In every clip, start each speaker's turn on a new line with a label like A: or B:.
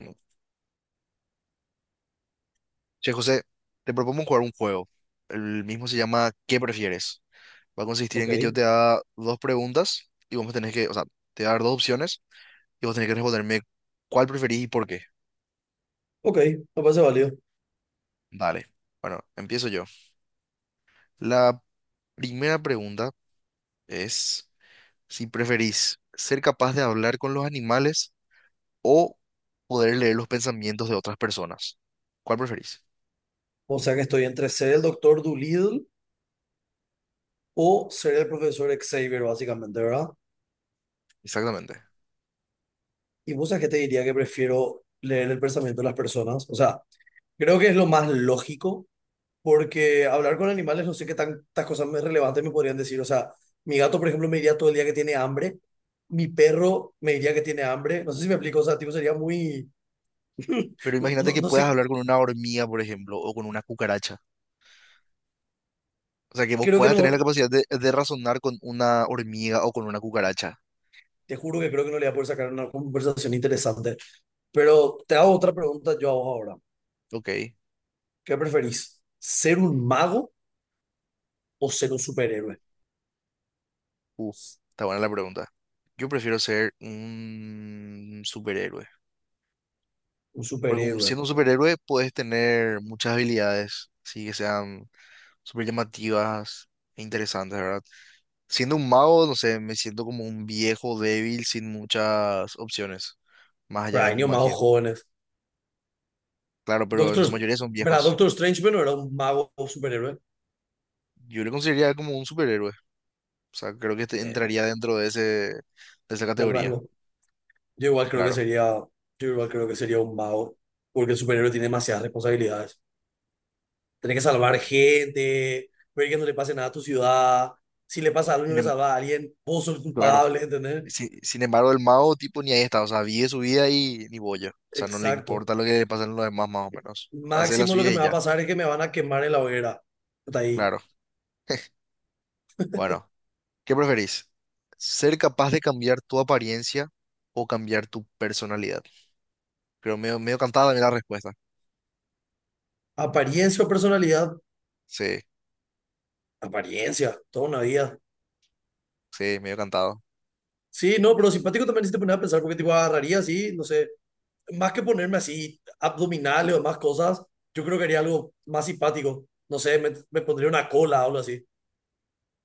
A: No. Che, José, te propongo jugar un juego. El mismo se llama ¿Qué prefieres? Va a consistir
B: Ok,
A: en que yo te haga dos preguntas y vos me tenés que te voy a dar dos opciones y vos tenés que responderme cuál preferís y por qué.
B: ok, me parece válido.
A: Dale. Bueno, empiezo yo. La primera pregunta es si preferís ser capaz de hablar con los animales o poder leer los pensamientos de otras personas. ¿Cuál preferís?
B: O sea que estoy entre ser el doctor Doolittle o ser el profesor Xavier, básicamente, ¿verdad?
A: Exactamente.
B: Y vos sabés que te diría que prefiero leer el pensamiento de las personas. O sea, creo que es lo más lógico, porque hablar con animales no sé qué tantas cosas más relevantes me podrían decir. O sea, mi gato, por ejemplo, me diría todo el día que tiene hambre. Mi perro me diría que tiene hambre. No sé si me explico, o sea, tipo, sería muy...
A: Pero
B: No,
A: imagínate
B: no,
A: que
B: no
A: puedas
B: sé,
A: hablar con una hormiga, por ejemplo, o con una cucaracha. O sea, que vos
B: creo que
A: puedas tener la
B: no...
A: capacidad de razonar con una hormiga o con una cucaracha.
B: Te juro que creo que no le voy a poder sacar una conversación interesante. Pero te hago otra pregunta yo a vos ahora.
A: Ok.
B: ¿Qué preferís? ¿Ser un mago o ser un superhéroe?
A: Uf, está buena la pregunta. Yo prefiero ser un superhéroe.
B: Un
A: Porque
B: superhéroe.
A: siendo un superhéroe puedes tener muchas habilidades, así que sean súper llamativas e interesantes, ¿verdad? Siendo un mago, no sé, me siento como un viejo débil sin muchas opciones, más allá
B: Pero
A: de
B: hay
A: mi
B: niños magos
A: magia.
B: jóvenes.
A: Claro, pero en
B: Doctor,
A: su mayoría son
B: pero
A: viejos.
B: Doctor Strange, bueno, era un mago o superhéroe
A: Yo le consideraría como un superhéroe. O sea, creo que
B: eh,
A: entraría dentro de esa
B: del
A: categoría,
B: rango. Yo igual creo que
A: claro.
B: sería, yo igual creo que sería un mago, porque el superhéroe tiene demasiadas responsabilidades. Tienes que salvar
A: Mm.
B: gente, ver que no le pase nada a tu ciudad. Si le pasa algo y no
A: Sin
B: le
A: em-
B: salva a alguien, vos sos
A: claro.
B: culpable, ¿entendés?
A: Sin embargo, el mago, tipo, ni ahí está. O sea, vive su vida y ni boya. O sea, no le
B: Exacto.
A: importa lo que le pasa a los demás, más o menos. Hace la
B: Máximo lo que
A: suya
B: me
A: y
B: va a
A: ya.
B: pasar es que me van a quemar en la hoguera. Hasta ahí.
A: Claro. Bueno, ¿qué preferís? ¿Ser capaz de cambiar tu apariencia o cambiar tu personalidad? Creo medio cantada también la respuesta.
B: ¿Apariencia o personalidad?
A: Sí,
B: Apariencia, toda una vida.
A: sí, medio cantado.
B: Sí, no, pero simpático también si te pones a pensar, porque tipo agarraría así, no sé, más que ponerme así abdominales o más cosas, yo creo que haría algo más simpático. No sé, me pondría una cola o algo así.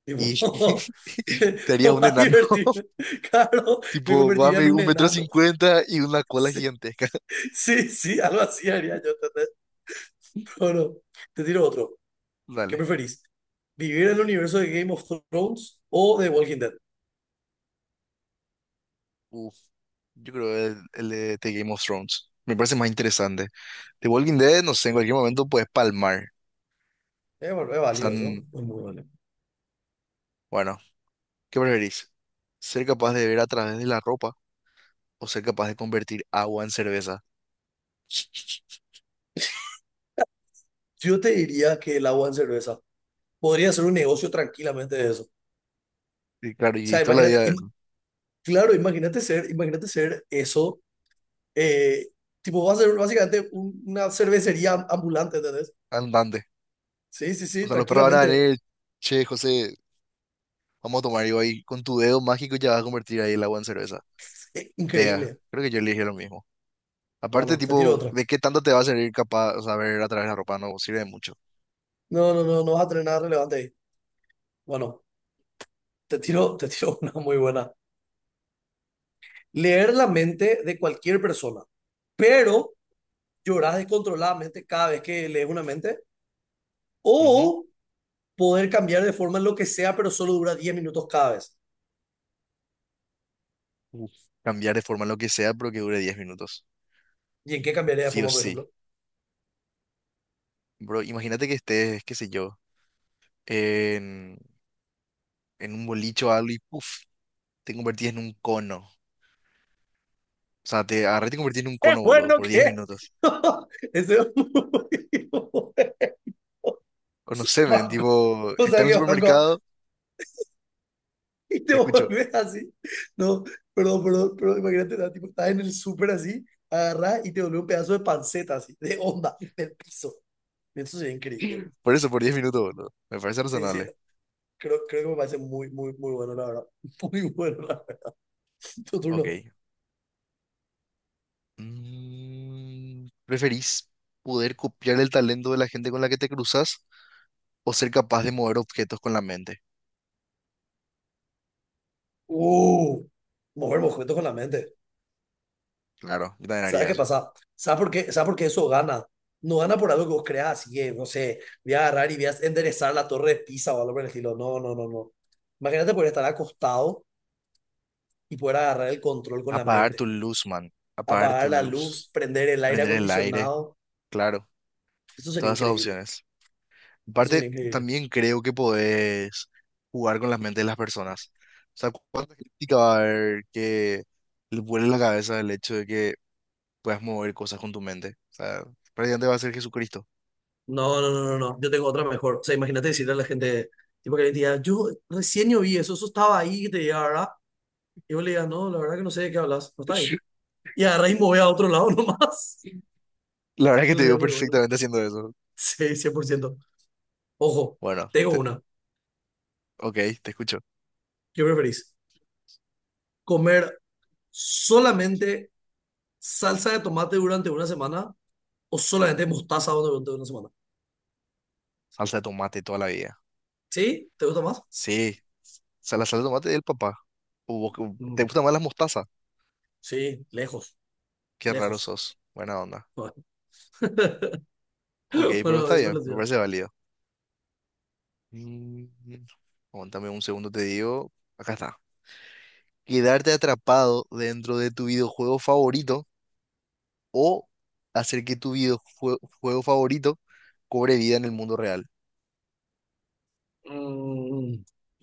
B: Tipo,
A: Y te harías un
B: para
A: enano.
B: divertirme. Claro,
A: Tipo,
B: me
A: va a
B: convertiría en
A: medir
B: un
A: un metro
B: enano.
A: cincuenta y una cola
B: Sí,
A: gigantesca.
B: sí, sí, algo así haría yo, ¿entendés? O no, te tiro otro. ¿Qué
A: Dale.
B: preferís? ¿Vivir en el universo de Game of Thrones o de Walking Dead?
A: Uf, yo creo el de The Game of Thrones. Me parece más interesante. The Walking Dead, no sé,
B: Ok.
A: en cualquier momento puedes palmar.
B: Es, val- es valioso,
A: Están,
B: es muy valioso.
A: bueno, ¿qué preferís? ¿Ser capaz de ver a través de la ropa o ser capaz de convertir agua en cerveza?
B: Yo te diría que el agua en cerveza. Podría ser un negocio tranquilamente de eso. O
A: Y claro, y
B: sea,
A: toda la
B: imagínate,
A: vida es
B: im- claro, imagínate ser eso. eh, tipo, va a ser básicamente un- una cervecería am- ambulante, ¿entendés?
A: andante.
B: Sí, sí,
A: O
B: sí,
A: sea, los perros van a
B: tranquilamente.
A: venir, che, José, vamos a tomar. Y ahí con tu dedo mágico ya vas a convertir ahí el agua en cerveza. Pea,
B: Increíble.
A: creo que yo elegí lo mismo. Aparte,
B: Bueno, te tiro
A: tipo,
B: otra.
A: ¿de qué tanto te va a servir capaz, o sea, ver a través de la ropa? No sirve de mucho.
B: No, no, no, no vas a tener nada relevante ahí. Bueno, te tiro una muy buena. Leer la mente de cualquier persona pero llorar descontroladamente cada vez que lees una mente,
A: Ujú.
B: o poder cambiar de forma en lo que sea, pero solo dura 10 minutos cada vez.
A: Uf. Cambiar de forma lo que sea, pero que dure 10 minutos.
B: ¿Y en qué cambiaría de
A: Sí o
B: forma, por
A: sí.
B: ejemplo?
A: Bro, imagínate que estés, qué sé yo, en, en un bolicho o algo y puff, te convertís en un cono. O sea, te agarré y te convertís en un
B: ¡Es
A: cono, boludo,
B: bueno
A: por 10
B: que!
A: minutos.
B: Eso es muy bueno.
A: O no sé, men,
B: Banco.
A: tipo,
B: O
A: está
B: sea
A: en el
B: que banco.
A: supermercado.
B: Y te
A: Te escucho.
B: volvés así. No, perdón, perdón, pero imagínate, ¿no? Tipo, estás en el súper así, agarrás y te volvés un pedazo de panceta así, de onda, del piso. Eso sería increíble, güey.
A: Por eso, por 10 minutos, boludo. Me parece
B: Sí, sí,
A: razonable.
B: creo que me parece muy bueno, la verdad. Muy bueno, la verdad. Tu turno.
A: Ok. Mm, ¿preferís poder copiar el talento de la gente con la que te cruzas o ser capaz de mover objetos con la mente?
B: Uh, mover objetos con la mente.
A: Claro, yo también
B: ¿Sabes
A: haría
B: qué
A: eso.
B: pasa? ¿Sabes por qué eso gana? No gana por algo que vos creas, así que, no sé, voy a agarrar y voy a enderezar la torre de Pisa o algo por el estilo. No, no, no, no. Imagínate poder estar acostado y poder agarrar el control con la
A: Apagar
B: mente.
A: tu luz, man. Apagar
B: Apagar
A: tu
B: la luz,
A: luz.
B: prender el aire
A: Prender el aire.
B: acondicionado.
A: Claro,
B: Eso sería
A: todas esas
B: increíble.
A: opciones.
B: Eso
A: Aparte,
B: sería increíble.
A: también creo que podés jugar con las mentes de las personas. O sea, ¿cuánta crítica va a haber que le vuele la cabeza el hecho de que puedas mover cosas con tu mente? O sea, prácticamente va a ser Jesucristo.
B: No, no, no, no, no. Yo tengo otra mejor. O sea, imagínate decirle a la gente, tipo que le diga, yo recién yo vi eso, eso estaba ahí, que te diga, ¿verdad? Y vos le digas, no, la verdad que no sé de qué hablas, no está ahí. Y agarrá y mover a otro lado nomás.
A: La verdad es que
B: Eso
A: te veo
B: sería muy bueno.
A: perfectamente haciendo eso.
B: Sí, 100%. Ojo,
A: Bueno,
B: tengo una.
A: ok, te escucho.
B: ¿Qué preferís? ¿Comer solamente salsa de tomate durante una semana o solamente mostaza durante una semana?
A: Salsa de tomate toda la vida.
B: ¿Sí? ¿Te gusta más?
A: Sí, o sea, la salsa de tomate del papá. O vos ¿te
B: Mm,
A: gustan más las mostazas?
B: sí, lejos,
A: Qué raro
B: lejos.
A: sos. Buena onda. Ok, pero
B: Bueno,
A: está
B: decime la
A: bien, me
B: tuya.
A: parece válido. Mm, aguántame un segundo, te digo. Acá está. Quedarte atrapado dentro de tu videojuego favorito o hacer que tu videojuego favorito cobre vida en el mundo real.
B: Mm,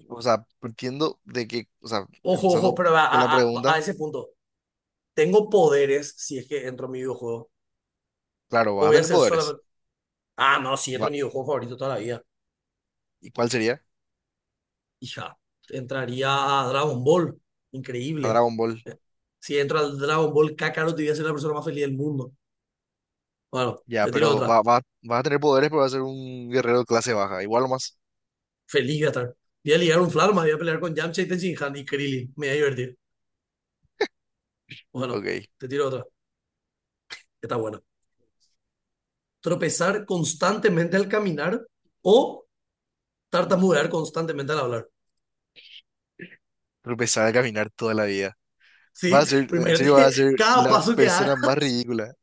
A: O sea, entiendo de que, o sea,
B: Ojo, ojo,
A: empezando
B: pero a,
A: con la
B: a- a-
A: pregunta,
B: a ese punto, ¿tengo poderes si es que entro a mi videojuego?
A: claro,
B: ¿O
A: vas a
B: voy a
A: tener
B: ser
A: poderes.
B: solamente... Ah, no, si entro a
A: Va-
B: mi videojuego favorito toda la vida.
A: ¿Y cuál sería?
B: Hija, entraría a Dragon Ball.
A: A
B: Increíble.
A: Dragon Ball.
B: Eh, Si entro al Dragon Ball Kakarot, voy a ser la persona más feliz del mundo. Bueno,
A: Ya,
B: te tiro
A: pero
B: otra.
A: vas a tener poderes, pero vas a ser un guerrero de clase baja. Igual o más.
B: Feliz voy a estar. Voy a ligar un Flarma, voy a pelear con Yamcha y Tenshinhan y Krillin. Me voy a divertir. Bueno,
A: Ok.
B: te tiro otra. Que Está buena. Tropezar constantemente al caminar o tartamudear constantemente al hablar.
A: Pero empezar a caminar toda la vida. Vas
B: Sí,
A: a ser,
B: pero
A: en serio, vas
B: imagínate
A: a ser
B: cada
A: la
B: paso que haga.
A: persona más ridícula.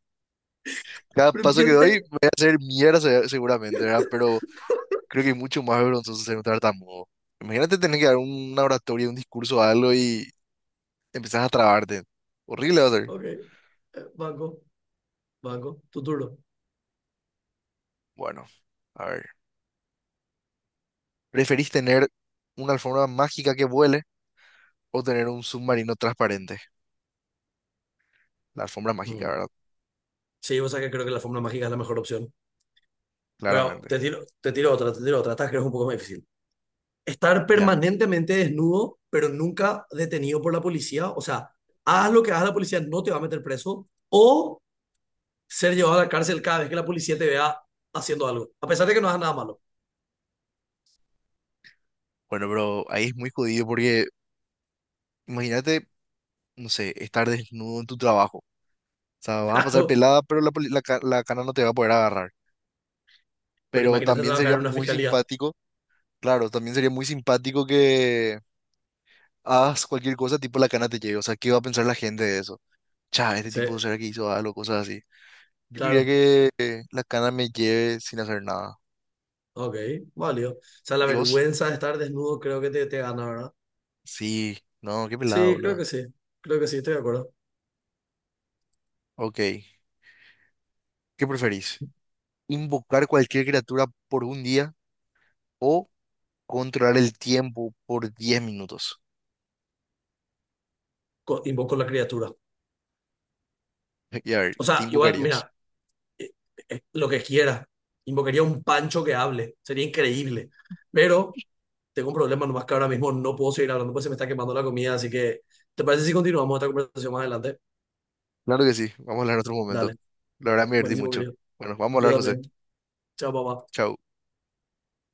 A: Cada
B: Pero
A: paso que doy,
B: imagínate.
A: voy a hacer mierda seguramente, ¿verdad? Pero creo que es mucho más vergonzoso ser un tartamudo. Imagínate tener que dar una oratoria, un discurso, algo y empezás a trabarte. Horrible va a ser.
B: Ok. Banco, banco, tu turno.
A: Bueno, a ver. ¿Preferís tener una alfombra mágica que vuele o tener un submarino transparente? La alfombra mágica,
B: Mm.
A: ¿verdad?
B: Sí, o sea que creo que la fórmula mágica es la mejor opción. Pero
A: Claramente.
B: te tiro otra. Esta creo que es un poco más difícil. Estar
A: Ya.
B: permanentemente desnudo, pero nunca detenido por la policía. O sea, haz lo que hagas, la policía no te va a meter preso. O ser llevado a la cárcel cada vez que la policía te vea haciendo algo, a pesar de que no hagas nada malo.
A: Bueno, pero ahí es muy jodido porque imagínate, no sé, estar desnudo en tu trabajo. O sea, vas a pasar
B: Claro.
A: pelada, pero la, poli- la, ca- la cana no te va a poder agarrar.
B: Pero
A: Pero
B: imagínate
A: también
B: trabajar
A: sería
B: en una
A: muy
B: fiscalía.
A: simpático, claro, también sería muy simpático que hagas cualquier cosa, tipo la cana te llegue. O sea, ¿qué va a pensar la gente de eso? Cha, este
B: Sí,
A: tipo será que hizo algo, cosas así. Yo quería
B: claro.
A: que la cana me lleve sin hacer nada.
B: Ok, válido. O sea, la
A: ¿Y vos?
B: vergüenza de estar desnudo creo que te gana, ¿verdad?
A: Sí, no, qué pelado,
B: Sí, creo
A: boludo.
B: que sí. Creo que sí, estoy de acuerdo.
A: Ok, ¿qué preferís? ¿Invocar cualquier criatura por un día o controlar el tiempo por 10 minutos?
B: Co- invoco la criatura.
A: Y a ver,
B: O
A: ¿qué
B: sea, igual,
A: invocarías?
B: mira, eh, lo que quiera. Invocaría un pancho que hable. Sería increíble. Pero tengo un problema nomás que ahora mismo no puedo seguir hablando, pues se me está quemando la comida. Así que, ¿te parece si continuamos esta conversación más adelante?
A: Claro que sí, vamos a hablar en otro momento.
B: Dale.
A: La verdad me divertí
B: Buenísimo,
A: mucho.
B: querido.
A: Bueno, vamos a
B: Yo
A: hablar, José.
B: también. Chao, papá.
A: Chau.